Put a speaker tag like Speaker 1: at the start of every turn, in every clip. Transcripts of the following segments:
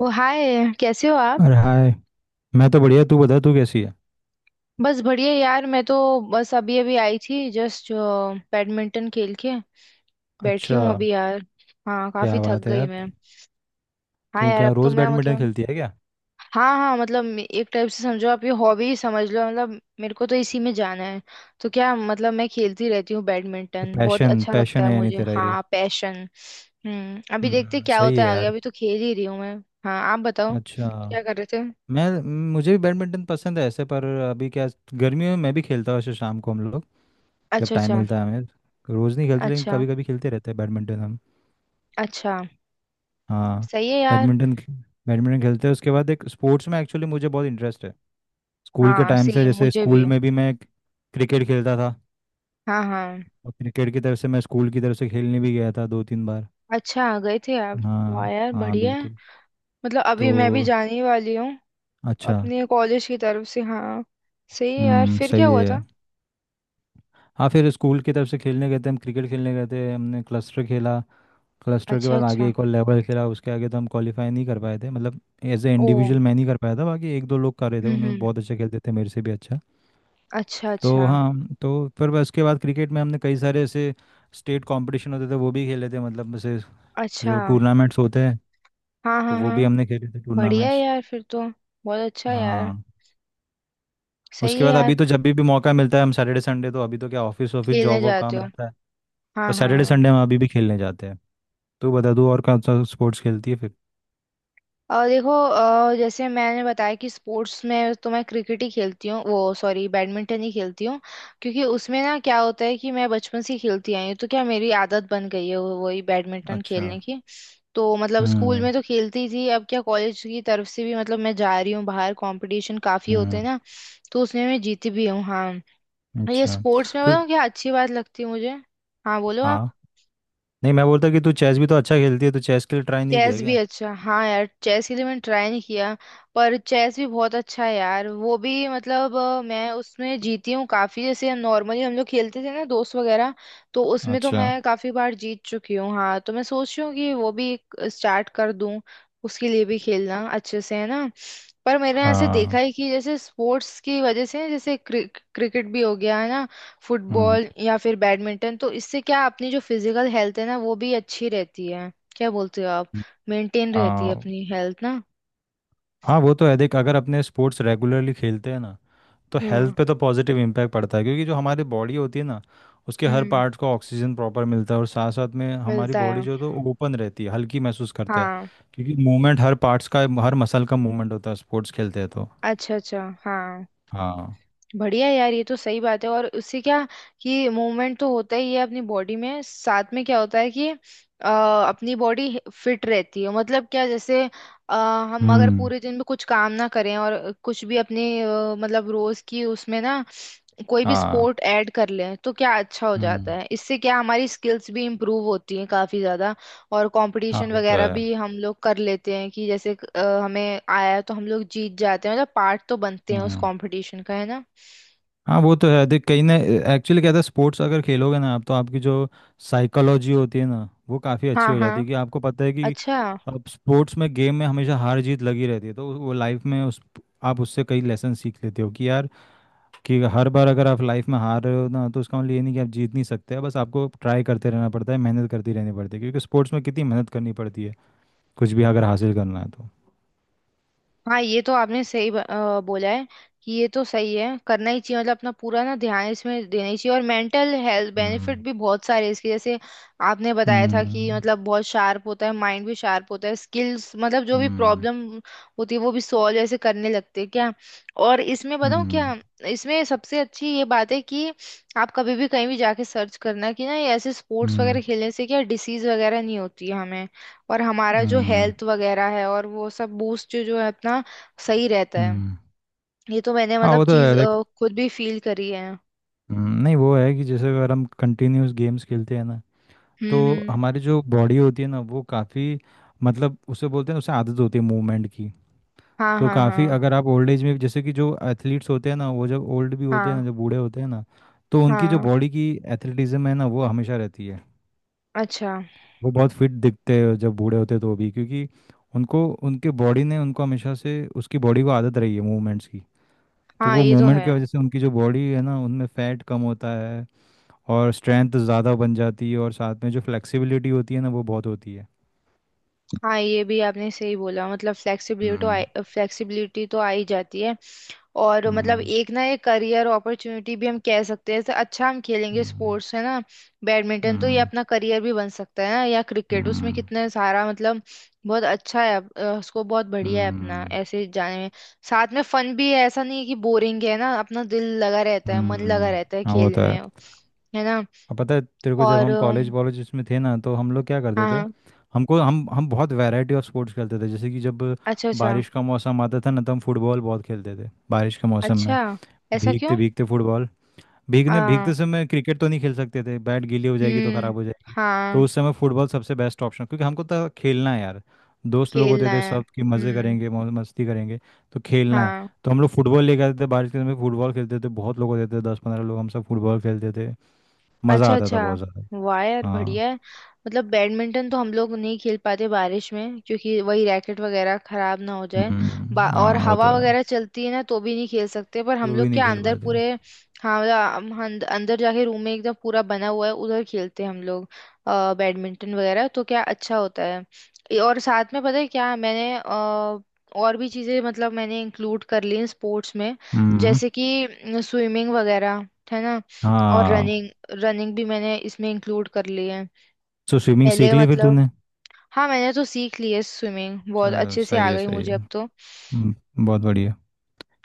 Speaker 1: ओ hi. कैसे हो आप।
Speaker 2: अरे हाय। मैं तो बढ़िया, तू बता तू कैसी है?
Speaker 1: बस बढ़िया यार, मैं तो बस अभी अभी आई थी जस्ट बैडमिंटन खेल के बैठी
Speaker 2: अच्छा।
Speaker 1: हूँ अभी यार। हाँ, काफी
Speaker 2: क्या
Speaker 1: थक
Speaker 2: बात है
Speaker 1: गई
Speaker 2: यार।
Speaker 1: मैं। हाँ
Speaker 2: तू
Speaker 1: यार,
Speaker 2: क्या
Speaker 1: अब तो
Speaker 2: रोज
Speaker 1: मैं
Speaker 2: बैडमिंटन
Speaker 1: मतलब।
Speaker 2: खेलती है क्या?
Speaker 1: हाँ हाँ, मतलब एक टाइप से समझो आप, ये हॉबी समझ लो, मतलब मेरे को तो इसी में जाना है। तो क्या मतलब, मैं खेलती रहती हूँ
Speaker 2: तो
Speaker 1: बैडमिंटन, बहुत
Speaker 2: पैशन
Speaker 1: अच्छा लगता
Speaker 2: पैशन
Speaker 1: है
Speaker 2: है यानी
Speaker 1: मुझे,
Speaker 2: तेरा ये?
Speaker 1: हाँ, पैशन। हम्म। अभी देखते क्या
Speaker 2: सही
Speaker 1: होता
Speaker 2: है
Speaker 1: है आगे,
Speaker 2: यार।
Speaker 1: अभी तो खेल ही रही हूँ मैं। हाँ, आप बताओ।
Speaker 2: अच्छा।
Speaker 1: क्या कर रहे थे।
Speaker 2: मैं मुझे भी बैडमिंटन पसंद है ऐसे, पर अभी क्या, गर्मियों में मैं भी खेलता हूँ ऐसे शाम को, हम लोग जब
Speaker 1: अच्छा
Speaker 2: टाइम
Speaker 1: अच्छा।
Speaker 2: मिलता है हमें। रोज नहीं खेलते, लेकिन
Speaker 1: अच्छा
Speaker 2: कभी कभी खेलते रहते हैं बैडमिंटन हम।
Speaker 1: अच्छा।
Speaker 2: हाँ,
Speaker 1: सही है यार।
Speaker 2: बैडमिंटन बैडमिंटन खेलते हैं उसके बाद। एक स्पोर्ट्स में एक्चुअली मुझे बहुत इंटरेस्ट है स्कूल के
Speaker 1: हाँ,
Speaker 2: टाइम से,
Speaker 1: सेम
Speaker 2: जैसे
Speaker 1: मुझे भी।
Speaker 2: स्कूल में भी मैं क्रिकेट खेलता था।
Speaker 1: हाँ हाँ।
Speaker 2: और क्रिकेट की तरफ से मैं, स्कूल की तरफ से खेलने भी गया था दो तीन बार।
Speaker 1: अच्छा, गए थे आप। वाह
Speaker 2: हाँ
Speaker 1: यार,
Speaker 2: हाँ
Speaker 1: बढ़िया है।
Speaker 2: बिल्कुल।
Speaker 1: मतलब अभी मैं भी
Speaker 2: तो
Speaker 1: जाने ही वाली हूँ
Speaker 2: अच्छा।
Speaker 1: अपने कॉलेज की तरफ से, हाँ। सही है यार,
Speaker 2: हम्म,
Speaker 1: फिर क्या
Speaker 2: सही
Speaker 1: हुआ
Speaker 2: है।
Speaker 1: था।
Speaker 2: हाँ, फिर स्कूल की तरफ से खेलने गए थे हम, क्रिकेट खेलने गए थे, हमने क्लस्टर खेला। क्लस्टर के
Speaker 1: अच्छा
Speaker 2: बाद आगे
Speaker 1: अच्छा।
Speaker 2: एक और लेवल खेला, उसके आगे तो हम क्वालिफाई नहीं कर पाए थे, मतलब एज ए
Speaker 1: ओ।
Speaker 2: इंडिविजुअल मैं नहीं कर पाया था। बाकी एक दो लोग कर रहे थे, उन्होंने
Speaker 1: हम्म।
Speaker 2: बहुत अच्छा खेलते थे, मेरे से भी अच्छा।
Speaker 1: अच्छा
Speaker 2: तो
Speaker 1: अच्छा।
Speaker 2: हाँ, तो फिर बस उसके बाद क्रिकेट में हमने कई सारे ऐसे स्टेट कंपटीशन होते थे, वो भी खेले थे, मतलब ऐसे
Speaker 1: अच्छा।
Speaker 2: जो टूर्नामेंट्स होते हैं,
Speaker 1: हाँ
Speaker 2: तो
Speaker 1: हाँ
Speaker 2: वो भी
Speaker 1: हाँ।
Speaker 2: हमने खेले थे
Speaker 1: बढ़िया है
Speaker 2: टूर्नामेंट्स।
Speaker 1: यार, फिर तो बहुत अच्छा है यार।
Speaker 2: हाँ,
Speaker 1: सही
Speaker 2: उसके
Speaker 1: है
Speaker 2: बाद
Speaker 1: यार।
Speaker 2: अभी तो जब भी मौका मिलता है, हम सैटरडे संडे, तो अभी तो क्या, ऑफिस ऑफिस
Speaker 1: खेलने
Speaker 2: जॉब वॉब
Speaker 1: जाते
Speaker 2: काम
Speaker 1: हो?
Speaker 2: रहता है, पर
Speaker 1: हाँ हाँ
Speaker 2: सैटरडे
Speaker 1: हाँ।
Speaker 2: संडे हम अभी भी खेलने जाते हैं। तू बता, तू और कौन सा स्पोर्ट्स खेलती है फिर?
Speaker 1: और देखो, जैसे मैंने बताया कि स्पोर्ट्स में तो मैं क्रिकेट ही खेलती हूँ, वो सॉरी, बैडमिंटन ही खेलती हूँ। क्योंकि उसमें ना क्या होता है कि मैं बचपन से ही खेलती आई हूँ, तो क्या मेरी आदत बन गई है वही बैडमिंटन
Speaker 2: अच्छा।
Speaker 1: खेलने की। तो मतलब स्कूल
Speaker 2: हम्म।
Speaker 1: में तो खेलती ही थी, अब क्या कॉलेज की तरफ से भी मतलब मैं जा रही हूँ बाहर, कंपटीशन काफी होते
Speaker 2: हम्म।
Speaker 1: हैं ना। तो उसमें मैं जीती भी हूँ, हाँ। ये
Speaker 2: अच्छा।
Speaker 1: स्पोर्ट्स में
Speaker 2: तो
Speaker 1: बताऊँ क्या अच्छी बात लगती है मुझे। हाँ, बोलो आप।
Speaker 2: हाँ, नहीं, मैं बोलता कि तू चेस भी तो अच्छा खेलती है, तो चेस के लिए ट्राई नहीं किया
Speaker 1: चेस भी
Speaker 2: क्या?
Speaker 1: अच्छा, हाँ यार, चेस के लिए मैंने ट्राई नहीं किया। पर चेस भी बहुत अच्छा है यार, वो भी मतलब मैं उसमें जीती हूँ काफी, जैसे नॉर्मली हम लोग खेलते थे ना दोस्त वगैरह। तो उसमें तो
Speaker 2: अच्छा।
Speaker 1: मैं काफी बार जीत चुकी हूँ, हाँ। तो मैं सोच रही हूँ कि वो भी स्टार्ट कर दूँ। उसके लिए भी खेलना अच्छे से है ना। पर मैंने ऐसे देखा
Speaker 2: हाँ।
Speaker 1: है कि जैसे स्पोर्ट्स की वजह से, जैसे क्रिकेट भी हो गया है ना,
Speaker 2: हम्म।
Speaker 1: फुटबॉल या फिर बैडमिंटन, तो इससे क्या अपनी जो फिजिकल हेल्थ है ना वो भी अच्छी रहती है। क्या बोलते हो आप। मेंटेन रहती है
Speaker 2: हाँ,
Speaker 1: अपनी हेल्थ ना।
Speaker 2: हाँ वो तो है देख। अगर अपने स्पोर्ट्स रेगुलरली खेलते हैं ना, तो हेल्थ
Speaker 1: हम्म
Speaker 2: पे तो पॉजिटिव इम्पैक्ट पड़ता है, क्योंकि जो हमारी बॉडी होती है ना, उसके हर
Speaker 1: हम्म।
Speaker 2: पार्ट को ऑक्सीजन प्रॉपर मिलता है, और साथ साथ में हमारी
Speaker 1: मिलता
Speaker 2: बॉडी
Speaker 1: है।
Speaker 2: जो है तो ओपन रहती है, हल्की महसूस करते हैं,
Speaker 1: हाँ।
Speaker 2: क्योंकि मूवमेंट हर पार्ट्स का, हर मसल का मूवमेंट होता है स्पोर्ट्स खेलते हैं तो।
Speaker 1: अच्छा अच्छा। हाँ
Speaker 2: हाँ।
Speaker 1: बढ़िया यार, ये तो सही बात है। और उससे क्या, कि मूवमेंट तो होता ही है अपनी बॉडी में, साथ में क्या होता है कि अपनी बॉडी फिट रहती है, मतलब क्या, जैसे अ, हम अगर
Speaker 2: हम्म।
Speaker 1: पूरे दिन में कुछ काम ना करें और कुछ भी अपने मतलब रोज की उसमें ना कोई भी
Speaker 2: हाँ।
Speaker 1: स्पोर्ट ऐड कर लें तो क्या अच्छा हो जाता
Speaker 2: हम्म।
Speaker 1: है। इससे क्या हमारी स्किल्स भी इम्प्रूव होती हैं काफी ज्यादा, और
Speaker 2: हाँ
Speaker 1: कंपटीशन
Speaker 2: वो तो
Speaker 1: वगैरह
Speaker 2: है।
Speaker 1: भी हम लोग कर लेते हैं कि जैसे हमें आया तो हम लोग जीत जाते हैं, मतलब पार्ट तो बनते हैं उस
Speaker 2: हम्म।
Speaker 1: कंपटीशन का, है ना।
Speaker 2: हाँ वो तो है देख, कहीं ना, एक्चुअली क्या था, स्पोर्ट्स अगर खेलोगे ना आप, तो आपकी जो साइकोलॉजी होती है ना, वो काफ़ी अच्छी
Speaker 1: हाँ
Speaker 2: हो
Speaker 1: हाँ।
Speaker 2: जाती है, कि आपको पता है कि
Speaker 1: अच्छा।
Speaker 2: अब स्पोर्ट्स में, गेम में हमेशा हार जीत लगी रहती है, तो वो लाइफ में उस, आप उससे कई लेसन सीख लेते हो कि यार, कि हर बार अगर आप लाइफ में हार रहे हो ना, तो उसका मतलब ये नहीं कि आप जीत नहीं सकते, बस आपको ट्राई करते रहना पड़ता है, मेहनत करती रहनी पड़ती है, क्योंकि स्पोर्ट्स में कितनी मेहनत करनी पड़ती है कुछ भी अगर हासिल करना है तो।
Speaker 1: हाँ ये तो आपने सही बोला है। कि ये तो सही है, करना ही चाहिए, मतलब अपना पूरा ना ध्यान इसमें देना ही चाहिए। और मेंटल हेल्थ
Speaker 2: हम्म।
Speaker 1: बेनिफिट भी बहुत सारे हैं इसके, जैसे आपने बताया था कि
Speaker 2: हम्म।
Speaker 1: मतलब बहुत शार्प होता है, माइंड भी शार्प होता है, स्किल्स मतलब जो भी
Speaker 2: हम्म।
Speaker 1: प्रॉब्लम होती है वो भी सॉल्व ऐसे करने लगते हैं क्या। और इसमें बताऊँ क्या,
Speaker 2: हम्म।
Speaker 1: इसमें सबसे अच्छी ये बात है कि आप कभी भी कहीं भी जाके सर्च करना कि ना ये ऐसे स्पोर्ट्स वगैरह
Speaker 2: हम्म।
Speaker 1: खेलने से क्या डिसीज वगैरह नहीं होती है हमें, और हमारा जो
Speaker 2: हम्म।
Speaker 1: हेल्थ वगैरह है और वो सब बूस्ट जो जो है अपना, सही रहता है।
Speaker 2: हम्म।
Speaker 1: ये तो मैंने
Speaker 2: हाँ
Speaker 1: मतलब
Speaker 2: वो तो
Speaker 1: चीज
Speaker 2: है देख।
Speaker 1: खुद भी फील करी है।
Speaker 2: नहीं वो है कि जैसे अगर हम कंटिन्यूस गेम्स खेलते हैं ना, तो
Speaker 1: हम्म।
Speaker 2: हमारी जो बॉडी होती है ना, वो काफ़ी, मतलब उसे बोलते हैं, उसे आदत होती है मूवमेंट की,
Speaker 1: हाँ
Speaker 2: तो
Speaker 1: हाँ
Speaker 2: काफ़ी
Speaker 1: हाँ।
Speaker 2: अगर आप ओल्ड एज में, जैसे कि जो एथलीट्स होते हैं ना, वो जब ओल्ड भी होते हैं ना,
Speaker 1: हाँ
Speaker 2: जब बूढ़े होते हैं ना, तो उनकी जो
Speaker 1: हाँ।
Speaker 2: बॉडी की एथलेटिज्म है ना, वो हमेशा रहती है।
Speaker 1: अच्छा।
Speaker 2: वो बहुत फिट दिखते हैं जब बूढ़े होते हैं तो भी, क्योंकि उनको, उनके बॉडी ने उनको हमेशा से, उसकी बॉडी को आदत रही है मूवमेंट्स की, तो
Speaker 1: हाँ,
Speaker 2: वो
Speaker 1: ये तो
Speaker 2: मूवमेंट
Speaker 1: है।
Speaker 2: की वजह से उनकी जो बॉडी है ना, उनमें फैट कम होता है, और स्ट्रेंथ ज़्यादा बन जाती है, और साथ में जो फ्लेक्सिबिलिटी होती है ना, वो बहुत होती है।
Speaker 1: हाँ ये भी आपने सही बोला, मतलब
Speaker 2: हम्म।
Speaker 1: फ्लेक्सिबिलिटी तो आ ही जाती है। और मतलब
Speaker 2: हम्म।
Speaker 1: एक ना एक करियर अपॉर्चुनिटी भी हम कह सकते हैं, जैसे अच्छा हम खेलेंगे
Speaker 2: हम्म।
Speaker 1: स्पोर्ट्स, है ना, बैडमिंटन तो ये
Speaker 2: हम्म।
Speaker 1: अपना करियर भी बन सकता है ना, या क्रिकेट, उसमें
Speaker 2: हम्म।
Speaker 1: कितने सारा मतलब बहुत अच्छा है उसको, बहुत बढ़िया है अपना
Speaker 2: हम्म।
Speaker 1: ऐसे जाने में। साथ में फन भी है, ऐसा नहीं है कि बोरिंग है ना, अपना दिल लगा रहता है, मन लगा
Speaker 2: हम्म।
Speaker 1: रहता है
Speaker 2: हाँ वो
Speaker 1: खेल
Speaker 2: तो है।
Speaker 1: में, है ना।
Speaker 2: अब पता है तेरे को, जब
Speaker 1: और
Speaker 2: हम कॉलेज वॉलेज इसमें थे ना, तो हम लोग क्या करते थे,
Speaker 1: हाँ।
Speaker 2: हमको हम बहुत वैरायटी ऑफ स्पोर्ट्स खेलते थे। जैसे कि जब
Speaker 1: अच्छा अच्छा
Speaker 2: बारिश का मौसम आता था ना, तो हम फुटबॉल बहुत खेलते थे बारिश के मौसम में,
Speaker 1: अच्छा। ऐसा।
Speaker 2: भीगते भीगते फुटबॉल। भीगने
Speaker 1: क्यों।
Speaker 2: भीगते समय क्रिकेट तो नहीं खेल सकते थे, बैट गीली हो जाएगी तो
Speaker 1: हम्म।
Speaker 2: ख़राब हो जाएगी, तो
Speaker 1: हाँ।
Speaker 2: उस समय फुटबॉल सबसे बेस्ट ऑप्शन, क्योंकि हमको तो खेलना है यार। दोस्त लोग
Speaker 1: खेलना
Speaker 2: होते थे
Speaker 1: है,
Speaker 2: सब, कि मज़े
Speaker 1: हम्म।
Speaker 2: करेंगे मौज मस्ती करेंगे, तो खेलना है।
Speaker 1: हाँ।
Speaker 2: तो हम लोग फुटबॉल लेके आते थे, बारिश के समय फुटबॉल खेलते थे, बहुत लोग होते थे 10 15 लोग, हम सब फुटबॉल खेलते थे, मज़ा
Speaker 1: अच्छा
Speaker 2: आता था
Speaker 1: अच्छा।
Speaker 2: बहुत ज़्यादा।
Speaker 1: वाह यार,
Speaker 2: हाँ।
Speaker 1: बढ़िया है। मतलब बैडमिंटन तो हम लोग नहीं खेल पाते बारिश में, क्योंकि वही रैकेट वगैरह खराब ना हो जाए।
Speaker 2: हम्म।
Speaker 1: और
Speaker 2: हाँ वो तो
Speaker 1: हवा
Speaker 2: है।
Speaker 1: वगैरह चलती है ना, तो भी नहीं खेल सकते, पर हम
Speaker 2: वो भी
Speaker 1: लोग
Speaker 2: नहीं
Speaker 1: क्या
Speaker 2: खेल
Speaker 1: अंदर
Speaker 2: पाते।
Speaker 1: पूरे, हाँ मतलब हम अंदर जाके रूम में एकदम पूरा बना हुआ है उधर, खेलते हैं हम लोग। बैडमिंटन वगैरह तो क्या अच्छा होता है ये। और साथ में पता है क्या मैंने और भी चीज़ें मतलब मैंने इंक्लूड कर ली स्पोर्ट्स में,
Speaker 2: हम्म।
Speaker 1: जैसे कि स्विमिंग वगैरह, है ना। और
Speaker 2: हाँ।
Speaker 1: रनिंग, रनिंग भी मैंने इसमें इंक्लूड कर ली है।
Speaker 2: तो स्विमिंग सीख
Speaker 1: पहले
Speaker 2: ली फिर
Speaker 1: मतलब,
Speaker 2: तूने?
Speaker 1: हाँ मैंने तो सीख ली है स्विमिंग, बहुत
Speaker 2: चल,
Speaker 1: अच्छे से
Speaker 2: सही
Speaker 1: आ
Speaker 2: है
Speaker 1: गई
Speaker 2: सही
Speaker 1: मुझे
Speaker 2: है।
Speaker 1: अब तो।
Speaker 2: बहुत बढ़िया,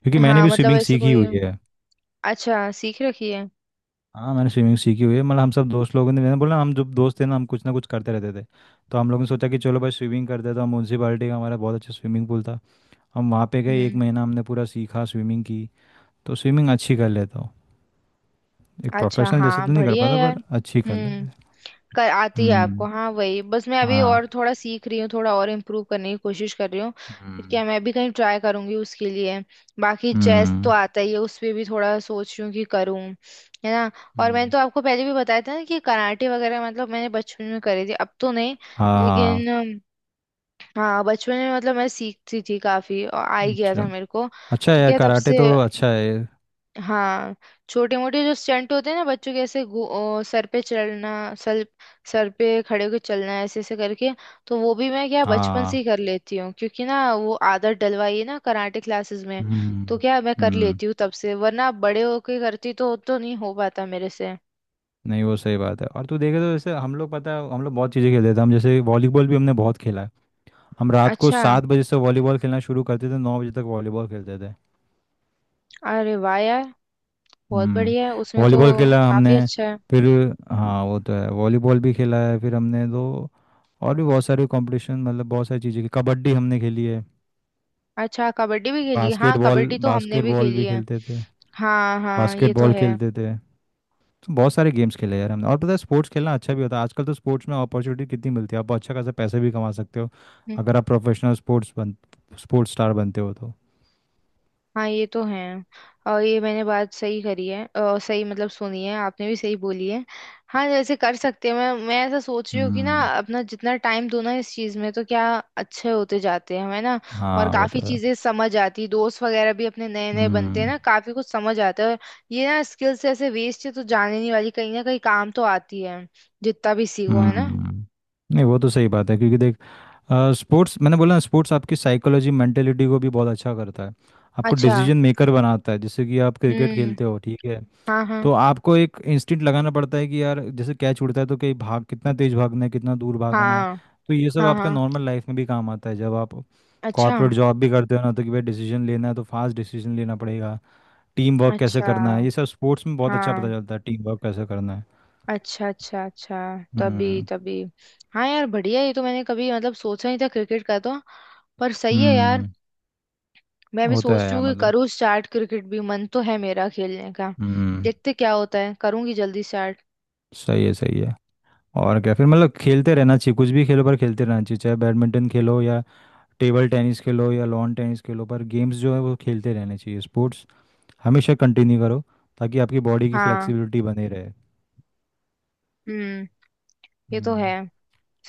Speaker 2: क्योंकि मैंने
Speaker 1: हाँ
Speaker 2: भी
Speaker 1: मतलब
Speaker 2: स्विमिंग
Speaker 1: ऐसे
Speaker 2: सीखी
Speaker 1: कोई,
Speaker 2: हुई है।
Speaker 1: अच्छा सीख रखी है।
Speaker 2: हाँ, मैंने स्विमिंग सीखी हुई है, मतलब हम सब दोस्त लोगों ने, मैंने बोला हम जब दोस्त थे ना, हम कुछ ना कुछ करते रहते थे, तो हम लोगों ने सोचा कि चलो भाई स्विमिंग करते हैं, तो हम म्यूनसिपाली का हमारा बहुत अच्छा स्विमिंग पूल था, हम वहाँ पे गए, एक
Speaker 1: हम्म।
Speaker 2: महीना हमने पूरा सीखा स्विमिंग की, तो स्विमिंग अच्छी कर लेता हूँ, एक
Speaker 1: अच्छा,
Speaker 2: प्रोफेशनल जैसे
Speaker 1: हाँ,
Speaker 2: तो नहीं कर
Speaker 1: बढ़िया है
Speaker 2: पाता,
Speaker 1: यार।
Speaker 2: पर अच्छी कर लेते
Speaker 1: हम्म।
Speaker 2: हैं।
Speaker 1: कर आती है आपको,
Speaker 2: हम्म।
Speaker 1: हाँ, वही बस मैं अभी
Speaker 2: हाँ।
Speaker 1: और थोड़ा सीख रही हूँ, थोड़ा और इम्प्रूव करने की कोशिश कर रही हूँ। फिर
Speaker 2: हम्म।
Speaker 1: क्या मैं भी कहीं ट्राई करूंगी उसके लिए। बाकी चेस तो
Speaker 2: हम्म।
Speaker 1: आता ही है, उस पे भी थोड़ा सोच रही हूँ कि करूँ, है ना। और मैंने
Speaker 2: हम्म,
Speaker 1: तो आपको पहले भी बताया था ना कि कराटे वगैरह मतलब मैंने बचपन में करी थी, अब तो नहीं। लेकिन
Speaker 2: हाँ।
Speaker 1: हाँ, बचपन में मतलब मैं सीखती थी काफी, और आ ही गया
Speaker 2: अच्छा,
Speaker 1: था मेरे को।
Speaker 2: अच्छा है
Speaker 1: तो
Speaker 2: यार,
Speaker 1: क्या तब
Speaker 2: कराटे
Speaker 1: से,
Speaker 2: तो अच्छा है।
Speaker 1: हाँ, छोटे मोटे जो स्टंट होते हैं ना बच्चों के, ऐसे ओ, सर पे चलना, सर, सर पे खड़े होकर चलना, ऐसे ऐसे करके, तो वो भी मैं क्या बचपन से ही
Speaker 2: हाँ।
Speaker 1: कर लेती हूँ, क्योंकि ना वो आदत डलवाई है ना कराटे क्लासेस में, तो
Speaker 2: हम्म।
Speaker 1: क्या मैं कर
Speaker 2: हम्म।
Speaker 1: लेती हूँ तब से, वरना बड़े होके करती तो नहीं हो पाता मेरे से।
Speaker 2: नहीं, वो सही बात है, और तू देखे तो जैसे हम लोग, पता है हम लोग बहुत चीज़ें खेलते थे हम, जैसे वॉलीबॉल भी हमने बहुत खेला है, हम रात को
Speaker 1: अच्छा।
Speaker 2: 7 बजे से वॉलीबॉल खेलना शुरू करते थे, 9 बजे तक वॉलीबॉल खेलते थे।
Speaker 1: अरे वाह यार, बहुत बढ़िया है
Speaker 2: हम्म।
Speaker 1: उसमें तो।
Speaker 2: वॉलीबॉल खेला हमने,
Speaker 1: काफी अच्छा है।
Speaker 2: फिर हाँ वो तो है, वॉलीबॉल भी खेला है फिर हमने दो, और भी बहुत सारे कंपटीशन, मतलब बहुत सारी चीज़ें की, कबड्डी हमने खेली है,
Speaker 1: अच्छा, कबड्डी भी खेली है? हाँ,
Speaker 2: बास्केटबॉल,
Speaker 1: कबड्डी तो हमने भी
Speaker 2: बास्केटबॉल
Speaker 1: खेली
Speaker 2: भी
Speaker 1: है।
Speaker 2: खेलते थे,
Speaker 1: हाँ हाँ, ये तो
Speaker 2: बास्केटबॉल
Speaker 1: है।
Speaker 2: खेलते थे, बहुत सारे गेम्स खेले यार हमने। और पता है, स्पोर्ट्स खेलना अच्छा भी होता है, आजकल तो स्पोर्ट्स में अपॉर्चुनिटी कितनी मिलती है, आप अच्छा खासा पैसे भी कमा सकते हो
Speaker 1: हम्म।
Speaker 2: अगर आप प्रोफेशनल स्पोर्ट्स स्टार बनते हो तो।
Speaker 1: हाँ, ये तो है। और ये मैंने बात सही करी है, सही मतलब सुनी है, आपने भी सही बोली है। हाँ, जैसे कर सकते हैं, मैं ऐसा सोच रही हूँ कि ना
Speaker 2: हम्म।
Speaker 1: अपना जितना टाइम दो ना इस चीज़ में, तो क्या अच्छे होते जाते हैं हमें ना। और
Speaker 2: हाँ वो
Speaker 1: काफ़ी
Speaker 2: तो है।
Speaker 1: चीज़ें समझ आती, दोस्त वगैरह भी अपने नए नए बनते हैं
Speaker 2: हम्म।
Speaker 1: ना, काफ़ी कुछ समझ आता है। और ये ना स्किल्स ऐसे वेस्ट है तो जाने नहीं वाली, कहीं ना कहीं काम तो आती है जितना भी सीखो, है ना।
Speaker 2: हम्म। नहीं वो तो सही बात है, क्योंकि देख, स्पोर्ट्स, मैंने बोला ना, स्पोर्ट्स आपकी साइकोलॉजी मेंटेलिटी को भी बहुत अच्छा करता है, आपको
Speaker 1: अच्छा।
Speaker 2: डिसीजन मेकर बनाता है, जैसे कि आप क्रिकेट
Speaker 1: हम्म।
Speaker 2: खेलते हो ठीक है,
Speaker 1: हाँ हाँ
Speaker 2: तो आपको एक इंस्टिंक्ट लगाना पड़ता है कि यार जैसे कैच उड़ता है, तो कहीं भाग, कितना तेज भागना है, कितना दूर भागना है,
Speaker 1: हाँ।
Speaker 2: तो ये सब
Speaker 1: हाँ
Speaker 2: आपका
Speaker 1: हाँ।
Speaker 2: नॉर्मल लाइफ में भी काम आता है, जब आप
Speaker 1: अच्छा
Speaker 2: कॉर्पोरेट जॉब भी करते हो ना, तो कि भाई डिसीजन लेना है, तो फास्ट डिसीजन लेना पड़ेगा, टीम वर्क कैसे
Speaker 1: अच्छा।
Speaker 2: करना है, ये सब स्पोर्ट्स में बहुत अच्छा पता
Speaker 1: हाँ।
Speaker 2: चलता है टीम वर्क कैसे करना है।
Speaker 1: अच्छा अच्छा अच्छा। तभी
Speaker 2: हम्म।
Speaker 1: तभी। हाँ यार बढ़िया, ये तो मैंने कभी मतलब सोचा नहीं था क्रिकेट का तो। पर सही है यार,
Speaker 2: हम्म।
Speaker 1: मैं भी
Speaker 2: होता
Speaker 1: सोच
Speaker 2: है
Speaker 1: रही
Speaker 2: यार
Speaker 1: हूँ कि
Speaker 2: मतलब।
Speaker 1: करूँ स्टार्ट, क्रिकेट भी मन तो है मेरा खेलने का।
Speaker 2: हम्म,
Speaker 1: देखते क्या होता है, करूँगी जल्दी स्टार्ट।
Speaker 2: सही है सही है। और क्या फिर, मतलब खेलते रहना चाहिए, कुछ भी खेलो पर खेलते रहना चाहिए, चाहे बैडमिंटन खेलो या टेबल टेनिस खेलो या लॉन टेनिस खेलो, पर गेम्स जो है वो खेलते रहने चाहिए, स्पोर्ट्स हमेशा कंटिन्यू करो, ताकि आपकी बॉडी की
Speaker 1: हाँ।
Speaker 2: फ्लेक्सिबिलिटी बनी रहे।
Speaker 1: हम्म, ये तो है।
Speaker 2: हम्म।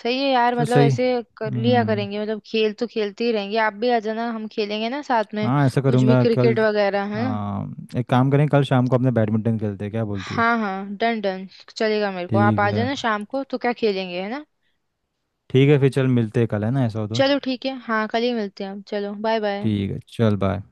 Speaker 1: सही है यार,
Speaker 2: तो
Speaker 1: मतलब
Speaker 2: सही।
Speaker 1: ऐसे कर लिया
Speaker 2: हम्म,
Speaker 1: करेंगे, मतलब खेल तो खेलते ही रहेंगे, आप भी आ जाना, हम खेलेंगे ना साथ में
Speaker 2: हाँ ऐसा
Speaker 1: कुछ भी,
Speaker 2: करूँगा कल।
Speaker 1: क्रिकेट वगैरह, है ना।
Speaker 2: आ, एक काम करें, कल शाम को अपने बैडमिंटन खेलते हैं, क्या बोलती है?
Speaker 1: हाँ हाँ, डन डन। चलेगा मेरे को, आप
Speaker 2: ठीक
Speaker 1: आ
Speaker 2: है,
Speaker 1: जाना शाम को तो क्या खेलेंगे, है ना।
Speaker 2: ठीक है फिर, चल मिलते हैं कल, है ना, ऐसा हो तो।
Speaker 1: चलो ठीक है, हाँ, कल ही मिलते हैं हम, चलो बाय बाय।
Speaker 2: ठीक है, चल बाय।